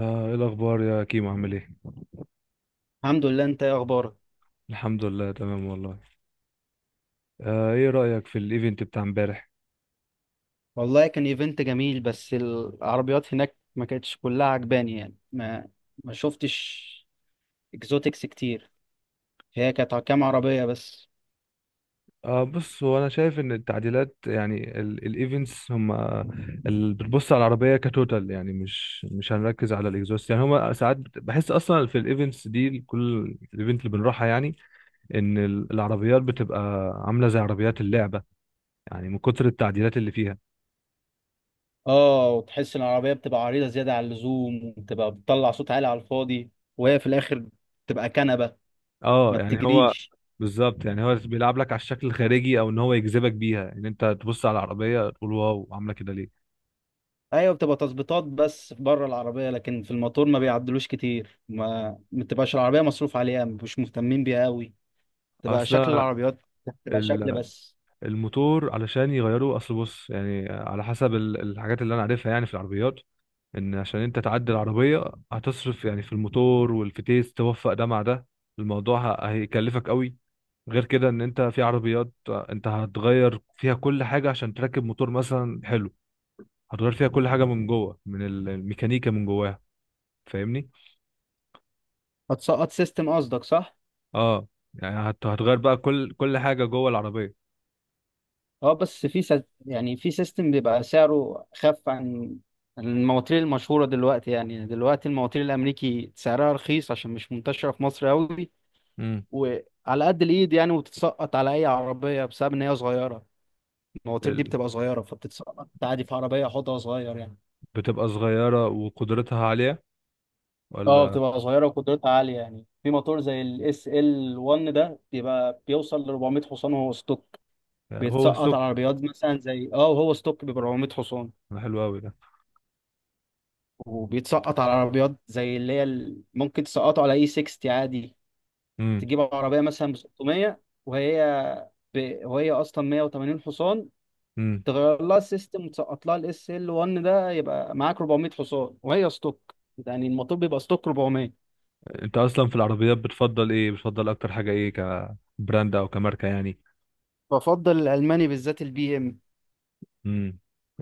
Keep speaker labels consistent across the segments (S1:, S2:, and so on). S1: ايه الاخبار يا كيمو؟ عامل ايه؟
S2: الحمد لله، انت ايه اخبارك؟
S1: الحمد لله، تمام والله. ايه رايك في الايفنت بتاع امبارح؟
S2: والله كان ايفنت جميل، بس العربيات هناك ما كانتش كلها عجباني، يعني ما شفتش اكزوتكس كتير. هي كانت كام عربية بس.
S1: آه، بص، هو انا شايف ان التعديلات، يعني الايفنتس هم اللي بتبص على العربيه كتوتال، يعني مش هنركز على الاكزوست، يعني هم ساعات بحس اصلا في الايفنتس دي، كل الايفنت اللي بنروحها يعني، ان العربيات بتبقى عامله زي عربيات اللعبه، يعني من كتر التعديلات اللي فيها.
S2: اه، وتحس ان العربية بتبقى عريضة زيادة عن اللزوم، وبتبقى بتطلع صوت عالي على الفاضي، وهي في الاخر بتبقى كنبة،
S1: اه،
S2: ما
S1: يعني هو
S2: بتجريش.
S1: بالظبط، يعني هو بيلعب لك على الشكل الخارجي، او ان هو يجذبك بيها، ان انت تبص على العربيه تقول واو، عامله كده ليه؟
S2: ايوه، بتبقى تظبيطات بس بره العربية، لكن في الموتور ما بيعدلوش كتير، ما بتبقاش العربية مصروف عليها، مش مهتمين بيها قوي. تبقى شكل
S1: اصلا
S2: العربيات، بتبقى شكل
S1: ال-
S2: بس.
S1: الموتور علشان يغيروا، اصل بص، يعني على حسب الحاجات اللي انا عارفها يعني في العربيات، ان عشان انت تعدل العربيه، هتصرف يعني في الموتور والفتيس، توفق ده مع ده. الموضوع هيكلفك قوي. غير كده، ان انت في عربيات انت هتغير فيها كل حاجه عشان تركب موتور مثلا حلو، هتغير فيها كل حاجه من جوه، من الميكانيكا من جواها. فاهمني؟
S2: هتسقط سيستم قصدك، صح؟
S1: اه، يعني هتغير بقى كل حاجة جوه العربية.
S2: اه، بس في يعني في سيستم بيبقى سعره خف عن المواتير المشهورة دلوقتي. يعني دلوقتي المواتير الأمريكي سعرها رخيص عشان مش منتشرة في مصر أوي،
S1: امم.
S2: وعلى قد الإيد يعني، وتتسقط على أي عربية بسبب إن هي صغيرة. المواتير دي
S1: ال-
S2: بتبقى صغيرة، فبتتسقط عادي في عربية حوضها صغير يعني.
S1: بتبقى صغيرة وقدرتها عالية،
S2: اه،
S1: ولا؟
S2: بتبقى صغيرة وقدرتها عالية، يعني في موتور زي الاس ال 1 ده بيبقى بيوصل ل 400 حصان وهو ستوك.
S1: يعني هو
S2: بيتسقط
S1: السوق.
S2: على عربيات مثلا زي وهو ستوك بيبقى 400 حصان.
S1: ده حلو أوي ده.
S2: وبيتسقط على عربيات زي ممكن تسقطه على اي 60 عادي.
S1: امم.
S2: تجيب عربيه مثلا ب 600، وهي وهي اصلا 180 حصان،
S1: امم.
S2: تغير لها السيستم وتسقط لها الاس ال 1 ده، يبقى معاك 400 حصان وهي ستوك. يعني الموتور بيبقى ستوك 400.
S1: انت اصلا في العربيات بتفضل ايه؟ بتفضل اكتر حاجة ايه؟ كبراند او كماركة يعني؟
S2: بفضل الالماني، بالذات البي ام.
S1: امم.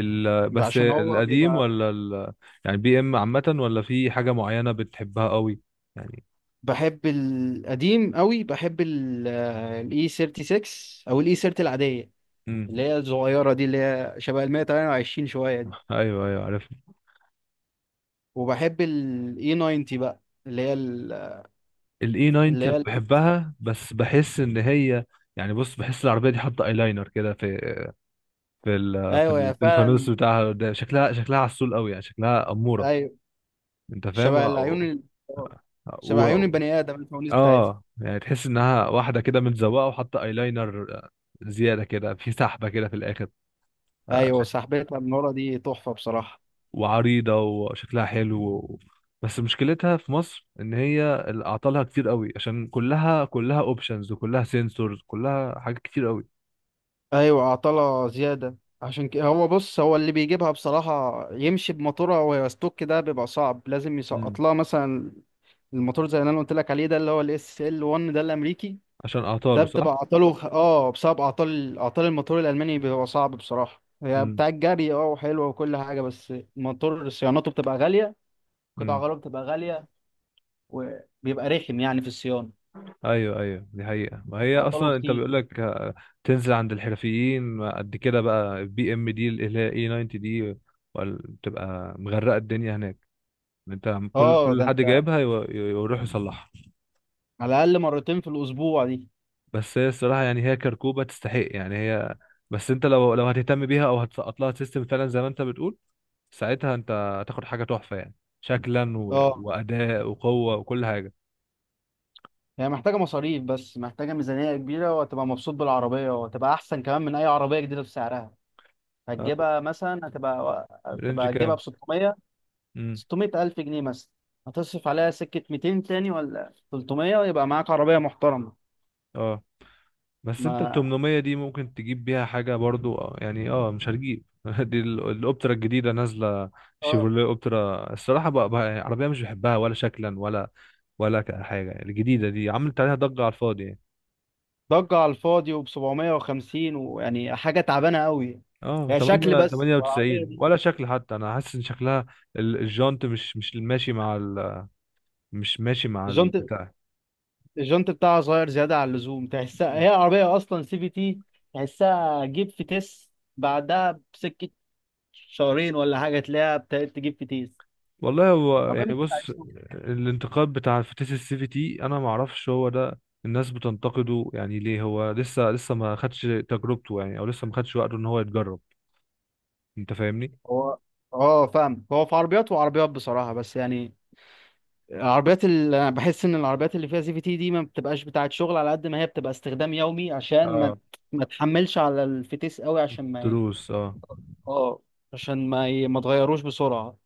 S1: بس
S2: عشان هو
S1: القديم،
S2: بيبقى...
S1: ولا يعني بي ام عامة، ولا في حاجة معينة بتحبها قوي يعني؟
S2: بحب القديم قوي، بحب الاي 36 او الاي 30 العاديه،
S1: امم.
S2: اللي هي الصغيره دي، اللي هي شبه ال 128 شويه دي.
S1: ايوه، ايوه، عارف.
S2: وبحب الاي 90 بقى، اللي هي ال-
S1: الاي 90
S2: اللي
S1: انا
S2: هي ال-
S1: بحبها، بس بحس ان هي، يعني بص، بحس العربيه دي حاطه ايلاينر كده في
S2: ايوه، يا
S1: في الفانوس
S2: فعلا.
S1: بتاعها، ده شكلها عسول قوي يعني، شكلها اموره.
S2: ايوه.
S1: انت فاهم.
S2: شبه العيون ال- آه، شبه عيون
S1: و...
S2: البني ادم الفوانيس بتاعتها.
S1: اه يعني تحس انها واحده كده متزوقه وحاطه ايلاينر زياده كده، في سحبه كده في الاخر. آه،
S2: ايوه،
S1: شك...
S2: سحبتها من ورا دي تحفه بصراحه.
S1: وعريضه وشكلها حلو بس مشكلتها في مصر ان هي اعطالها كتير قوي، عشان كلها اوبشنز، وكلها سنسورز، كلها حاجات كتير
S2: ايوه، عطله زياده. عشان كده هو بص، هو اللي بيجيبها بصراحه يمشي بموتورها وهي ستوك ده بيبقى صعب، لازم
S1: قوي،
S2: يسقط لها مثلا الموتور زي اللي انا قلت لك عليه ده، اللي هو الاس ال 1 ده الامريكي.
S1: عشان
S2: ده
S1: اعطاله
S2: بتبقى
S1: صح.
S2: اعطاله بسبب اعطال الموتور الالماني، بيبقى صعب بصراحه. هي
S1: امم.
S2: بتاع الجري وحلوه وكل حاجه، بس الموتور صيانته بتبقى غاليه، قطع
S1: امم.
S2: غياره بتبقى غاليه، وبيبقى رخم يعني في الصيانه،
S1: ايوه ايوه، دي حقيقة. ما هي
S2: اعطاله
S1: اصلا انت
S2: كتير.
S1: بيقول لك، تنزل عند الحرفيين قد كده، بقى بي ام دي اللي هي اي 90 دي، بتبقى مغرقة الدنيا هناك. انت، كل
S2: اه،
S1: كل
S2: ده
S1: حد
S2: انت
S1: جايبها يروح يصلحها.
S2: على الاقل مرتين في الاسبوع دي.
S1: بس هي الصراحة، يعني هي كركوبة تستحق، يعني هي، بس انت لو هتهتم بيها، او هتسقط لها سيستم فعلا زي ما انت بتقول، ساعتها انت هتاخد حاجة تحفة يعني، شكلا
S2: اه،
S1: واداء وقوة وكل حاجة.
S2: هي محتاجه مصاريف، بس محتاجه ميزانيه كبيره، وهتبقى مبسوط بالعربيه، وهتبقى احسن كمان من اي عربيه جديده بسعرها.
S1: آه،
S2: هتجيبها مثلا هتبقى
S1: رينج
S2: هتبقى هتجيبها
S1: كام؟
S2: ب 600.
S1: امم.
S2: 600 ألف جنيه مثلا. هتصرف عليها سكة 200 تاني ولا 300، ويبقى معاك عربية محترمة.
S1: آه. بس انت ال
S2: ما
S1: 800 دي ممكن تجيب بيها حاجة برضو، يعني مش هتجيب دي الاوبترا الجديدة نازلة.
S2: اه
S1: شيفروليه اوبترا الصراحة، بقى عربية مش بحبها، ولا شكلا، ولا ولا حاجة. الجديدة دي عملت عليها ضجة على الفاضي يعني.
S2: ضجة على الفاضي وب 750، ويعني حاجة تعبانة قوي.
S1: اه،
S2: هي شكل
S1: 8
S2: بس، والعربية
S1: 98،
S2: دي،
S1: ولا شكل حتى، انا حاسس ان شكلها، الجانت مش ماشي مع مش ماشي مع
S2: الجنط
S1: البتاع.
S2: الجنط بتاعها صغير زيادة عن اللزوم، تحسها هي عربية أصلا سي في تي. تحسها جيب في تيس بعدها بسكة شهرين ولا حاجة، تلاقيها ابتدت تجيب في تيس.
S1: والله، هو
S2: عربية
S1: يعني
S2: مش بتاع
S1: بص،
S2: سوق.
S1: الانتقاد بتاع الفتيس السي في تي، انا ما اعرفش هو ده الناس بتنتقده يعني ليه. هو لسه ما خدش تجربته يعني، او لسه ما خدش وقته ان هو يتجرب. انت فاهمني؟
S2: هو اه فاهم، هو في عربيات وعربيات بصراحة، بس يعني العربيات اللي انا بحس ان العربيات اللي فيها سي في تي دي ما بتبقاش بتاعه شغل، على قد ما هي بتبقى استخدام يومي، عشان
S1: اه،
S2: ما تحملش على الفتيس قوي، عشان ما...
S1: دروس، اه.
S2: اه. عشان ما تغيروش بسرعة.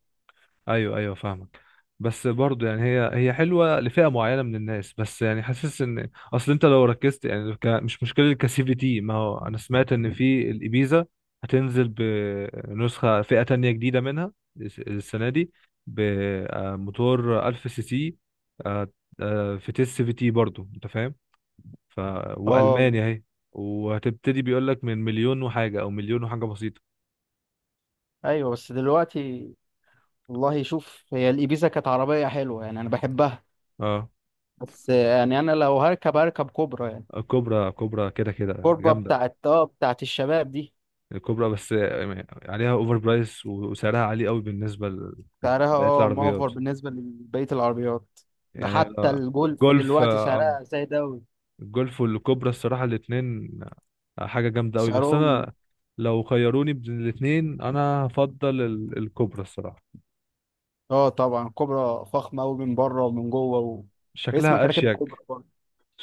S1: ايوه ايوه، فاهمك. بس برضه يعني هي حلوه لفئه معينه من الناس، بس يعني حاسس ان اصل انت لو ركزت يعني، مش مشكله الكسي في تي. ما هو انا سمعت ان في الابيزا هتنزل بنسخه فئه تانية جديده منها السنه دي، بموتور 1000 سي سي، آه، في تيست في تي برضه، انت فاهم. ف
S2: اه
S1: والمانيا اهي. وهتبتدي بيقول لك من مليون وحاجه، او مليون وحاجه بسيطه.
S2: ايوه، بس دلوقتي... والله شوف، هي الإبيزا كانت عربية حلوة يعني، انا بحبها.
S1: اه،
S2: بس يعني انا لو هركب كوبرا يعني.
S1: كوبرا، كوبرا كده، كده
S2: كوبرا
S1: جامده.
S2: بتاعت الشباب دي.
S1: الكوبرا بس عليها اوفر برايس، وسعرها عالي قوي بالنسبه لبقيه
S2: سعرها
S1: العربيات،
S2: مؤفر بالنسبة لبقية العربيات. ده
S1: يعني
S2: حتى الجولف
S1: الجولف،
S2: دلوقتي سعرها زي ده.
S1: الجولف والكوبرا الصراحه الاثنين حاجه جامده قوي، بس انا
S2: سعرهم...
S1: لو خيروني بين الاثنين انا هفضل الكوبرا الصراحه.
S2: اه، طبعا كوبرا فخمة قوي، من بره ومن جوه و... اسمك
S1: شكلها
S2: راكب كوبرا
S1: اشيك.
S2: برضه.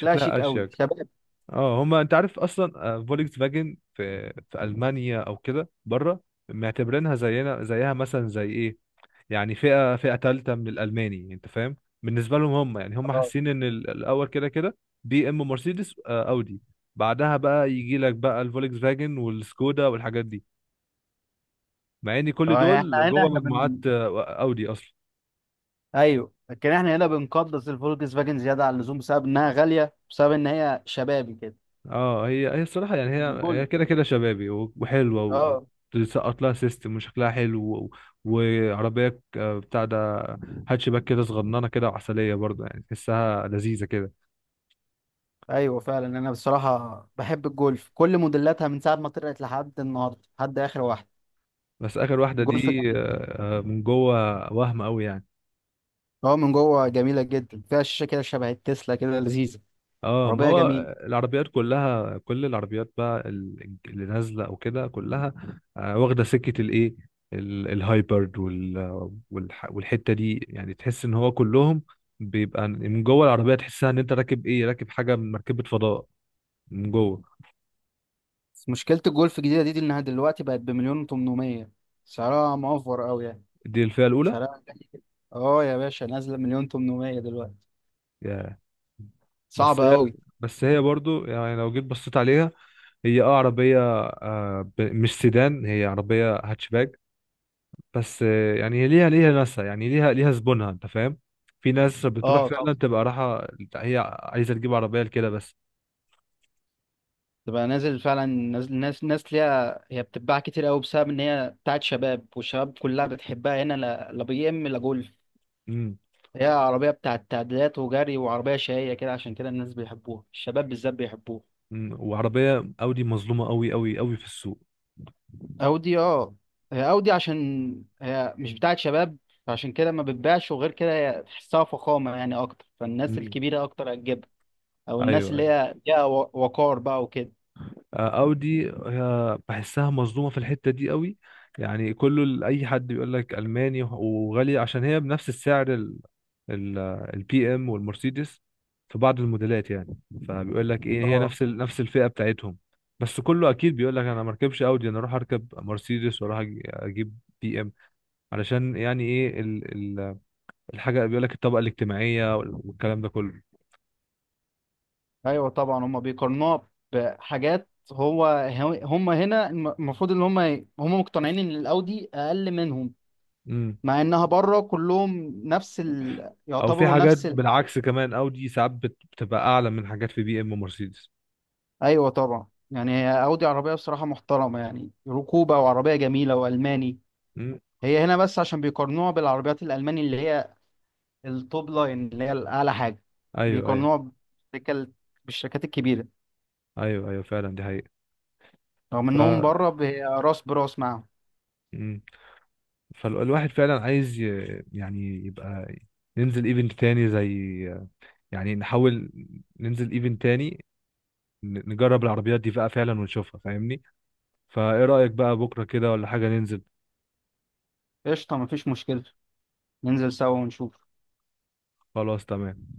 S2: لا، شيك قوي،
S1: اشيك.
S2: شباب.
S1: اه، هما انت عارف اصلا، فولكس فاجن في المانيا او كده بره معتبرينها زينا زيها، مثلا زي ايه؟ يعني فئة تالتة من الألماني، أنت فاهم؟ بالنسبة لهم هم، يعني هم
S2: اه
S1: حاسين إن الأول كده كده بي إم، مرسيدس، أودي، بعدها بقى يجي لك بقى الفولكس فاجن والسكودا والحاجات دي، مع إن كل
S2: اه يعني احنا
S1: دول
S2: هنا،
S1: جوه
S2: احنا
S1: مجموعات،
S2: بن...
S1: أودي أصلا.
S2: ايوه، لكن احنا هنا بنقدس الفولكس فاجن زيادة عن اللزوم، بسبب انها غالية، بسبب ان هي شبابي كده.
S1: اه، هي الصراحة، يعني هي
S2: الجولف.
S1: كده كده شبابي وحلوة،
S2: اه.
S1: وتسقط لها سيستم وشكلها حلو وعربية، بتاع ده، هاتشباك كده، صغننة كده وعسلية برضه، يعني تحسها لذيذة كده.
S2: ايوه فعلا، انا بصراحة بحب الجولف، كل موديلاتها من ساعة ما طلعت لحد النهارده، لحد اخر واحدة.
S1: بس اخر واحده
S2: جولف
S1: دي
S2: جميل.
S1: من جوه، وهم قوي يعني.
S2: اه، من جوه جميلة جدا، فيها شاشة كده شبه التسلا، كده لذيذة.
S1: اه، ما
S2: عربية
S1: هو
S2: جميلة.
S1: العربيات كلها، كل العربيات بقى اللي نازله او كده كلها واخده سكه الايه؟ الهايبرد والحته دي يعني تحس ان هو كلهم بيبقى من جوه العربيه، تحسها ان انت راكب ايه، راكب حاجه من مركبه فضاء من جوه.
S2: بس مشكلة الجولف الجديدة دي إنها دلوقتي بقت بمليون وتمنمية. سعرها موفر أوي يعني.
S1: دي الفئه الاولى.
S2: سعرها غالي. اه يا باشا، نازلة 1,800,000 دلوقتي.
S1: يا. بس
S2: صعب
S1: هي
S2: أوي.
S1: بس هي برضو، يعني لو جيت بصيت عليها، هي اه عربية، مش سيدان، هي عربية هاتشباك. بس يعني هي ليها ناسها، يعني ليها زبونها، انت فاهم؟ في ناس بتروح
S2: اه
S1: فعلا
S2: طبعا.
S1: تبقى رايحة، هي عايزة تجيب عربية لكده بس.
S2: تبقى نازل فعلا، نازل ناس، ليها. هي بتتباع كتير أوي، بسبب إن هي بتاعت شباب، والشباب كلها بتحبها هنا. لا، لا بي إم لا جولف.
S1: امم.
S2: هي عربية بتاعت تعديلات وجري، وعربية شقية كده، عشان كده الناس بيحبوها، الشباب بالذات بيحبوها.
S1: أمم. وعربية اودي مظلومة قوي قوي قوي في السوق.
S2: اودي، اه. هي اودي عشان هي مش بتاعت شباب، عشان كده ما بتبيعش. وغير كده هي تحسها فخامه يعني اكتر، فالناس
S1: امم.
S2: الكبيره اكتر هتجيبها، او
S1: ايوه،
S2: الناس اللي
S1: ايوه.
S2: هي ليها وقار بقى وكده.
S1: اودي، بحسها مظلومه في الحته دي قوي، يعني كله، اي حد بيقول لك الماني وغالي، عشان هي بنفس السعر ال ال البي ام والمرسيدس في بعض الموديلات يعني، فبيقول لك ايه، هي
S2: اه
S1: نفس نفس الفئه بتاعتهم. بس كله اكيد بيقول لك انا ما اركبش اودي، انا اروح اركب مرسيدس، واروح اجيب بي ام، علشان يعني ايه ال ال الحاجه، بيقول لك الطبقه الاجتماعيه والكلام ده كله.
S2: ايوه طبعا، هم بيقارنوها بحاجات. هو، هم هنا المفروض ان هم، هم مقتنعين ان الاودي اقل منهم، مع انها بره كلهم نفس ال...
S1: او في
S2: يعتبروا
S1: حاجات
S2: نفس ال...
S1: بالعكس كمان، اودي ساعات بتبقى اعلى من حاجات في بي ام ومرسيدس.
S2: ايوه طبعا، يعني هي اودي عربيه بصراحه محترمه، يعني ركوبه، وعربيه جميله، والماني.
S1: مم.
S2: هي هنا بس عشان بيقارنوها بالعربيات الألماني، اللي هي التوب لاين، اللي هي الأعلى حاجة.
S1: ايوه، ايوه،
S2: بيقارنوها بالشركة- بالشركات الكبيرة،
S1: ايوه، ايوه، فعلا دي حقيقة.
S2: رغم
S1: ف
S2: إنهم بره راس براس معاهم.
S1: مم. فالواحد فعلا عايز يعني يبقى ننزل ايفنت تاني، زي يعني نحاول ننزل ايفنت تاني، نجرب العربيات دي بقى فعلا، ونشوفها. فاهمني؟ فايه رأيك بقى بكرة كده، ولا حاجة ننزل؟
S2: قشطة، مفيش مشكلة. ننزل سوا ونشوف.
S1: خلاص، تمام.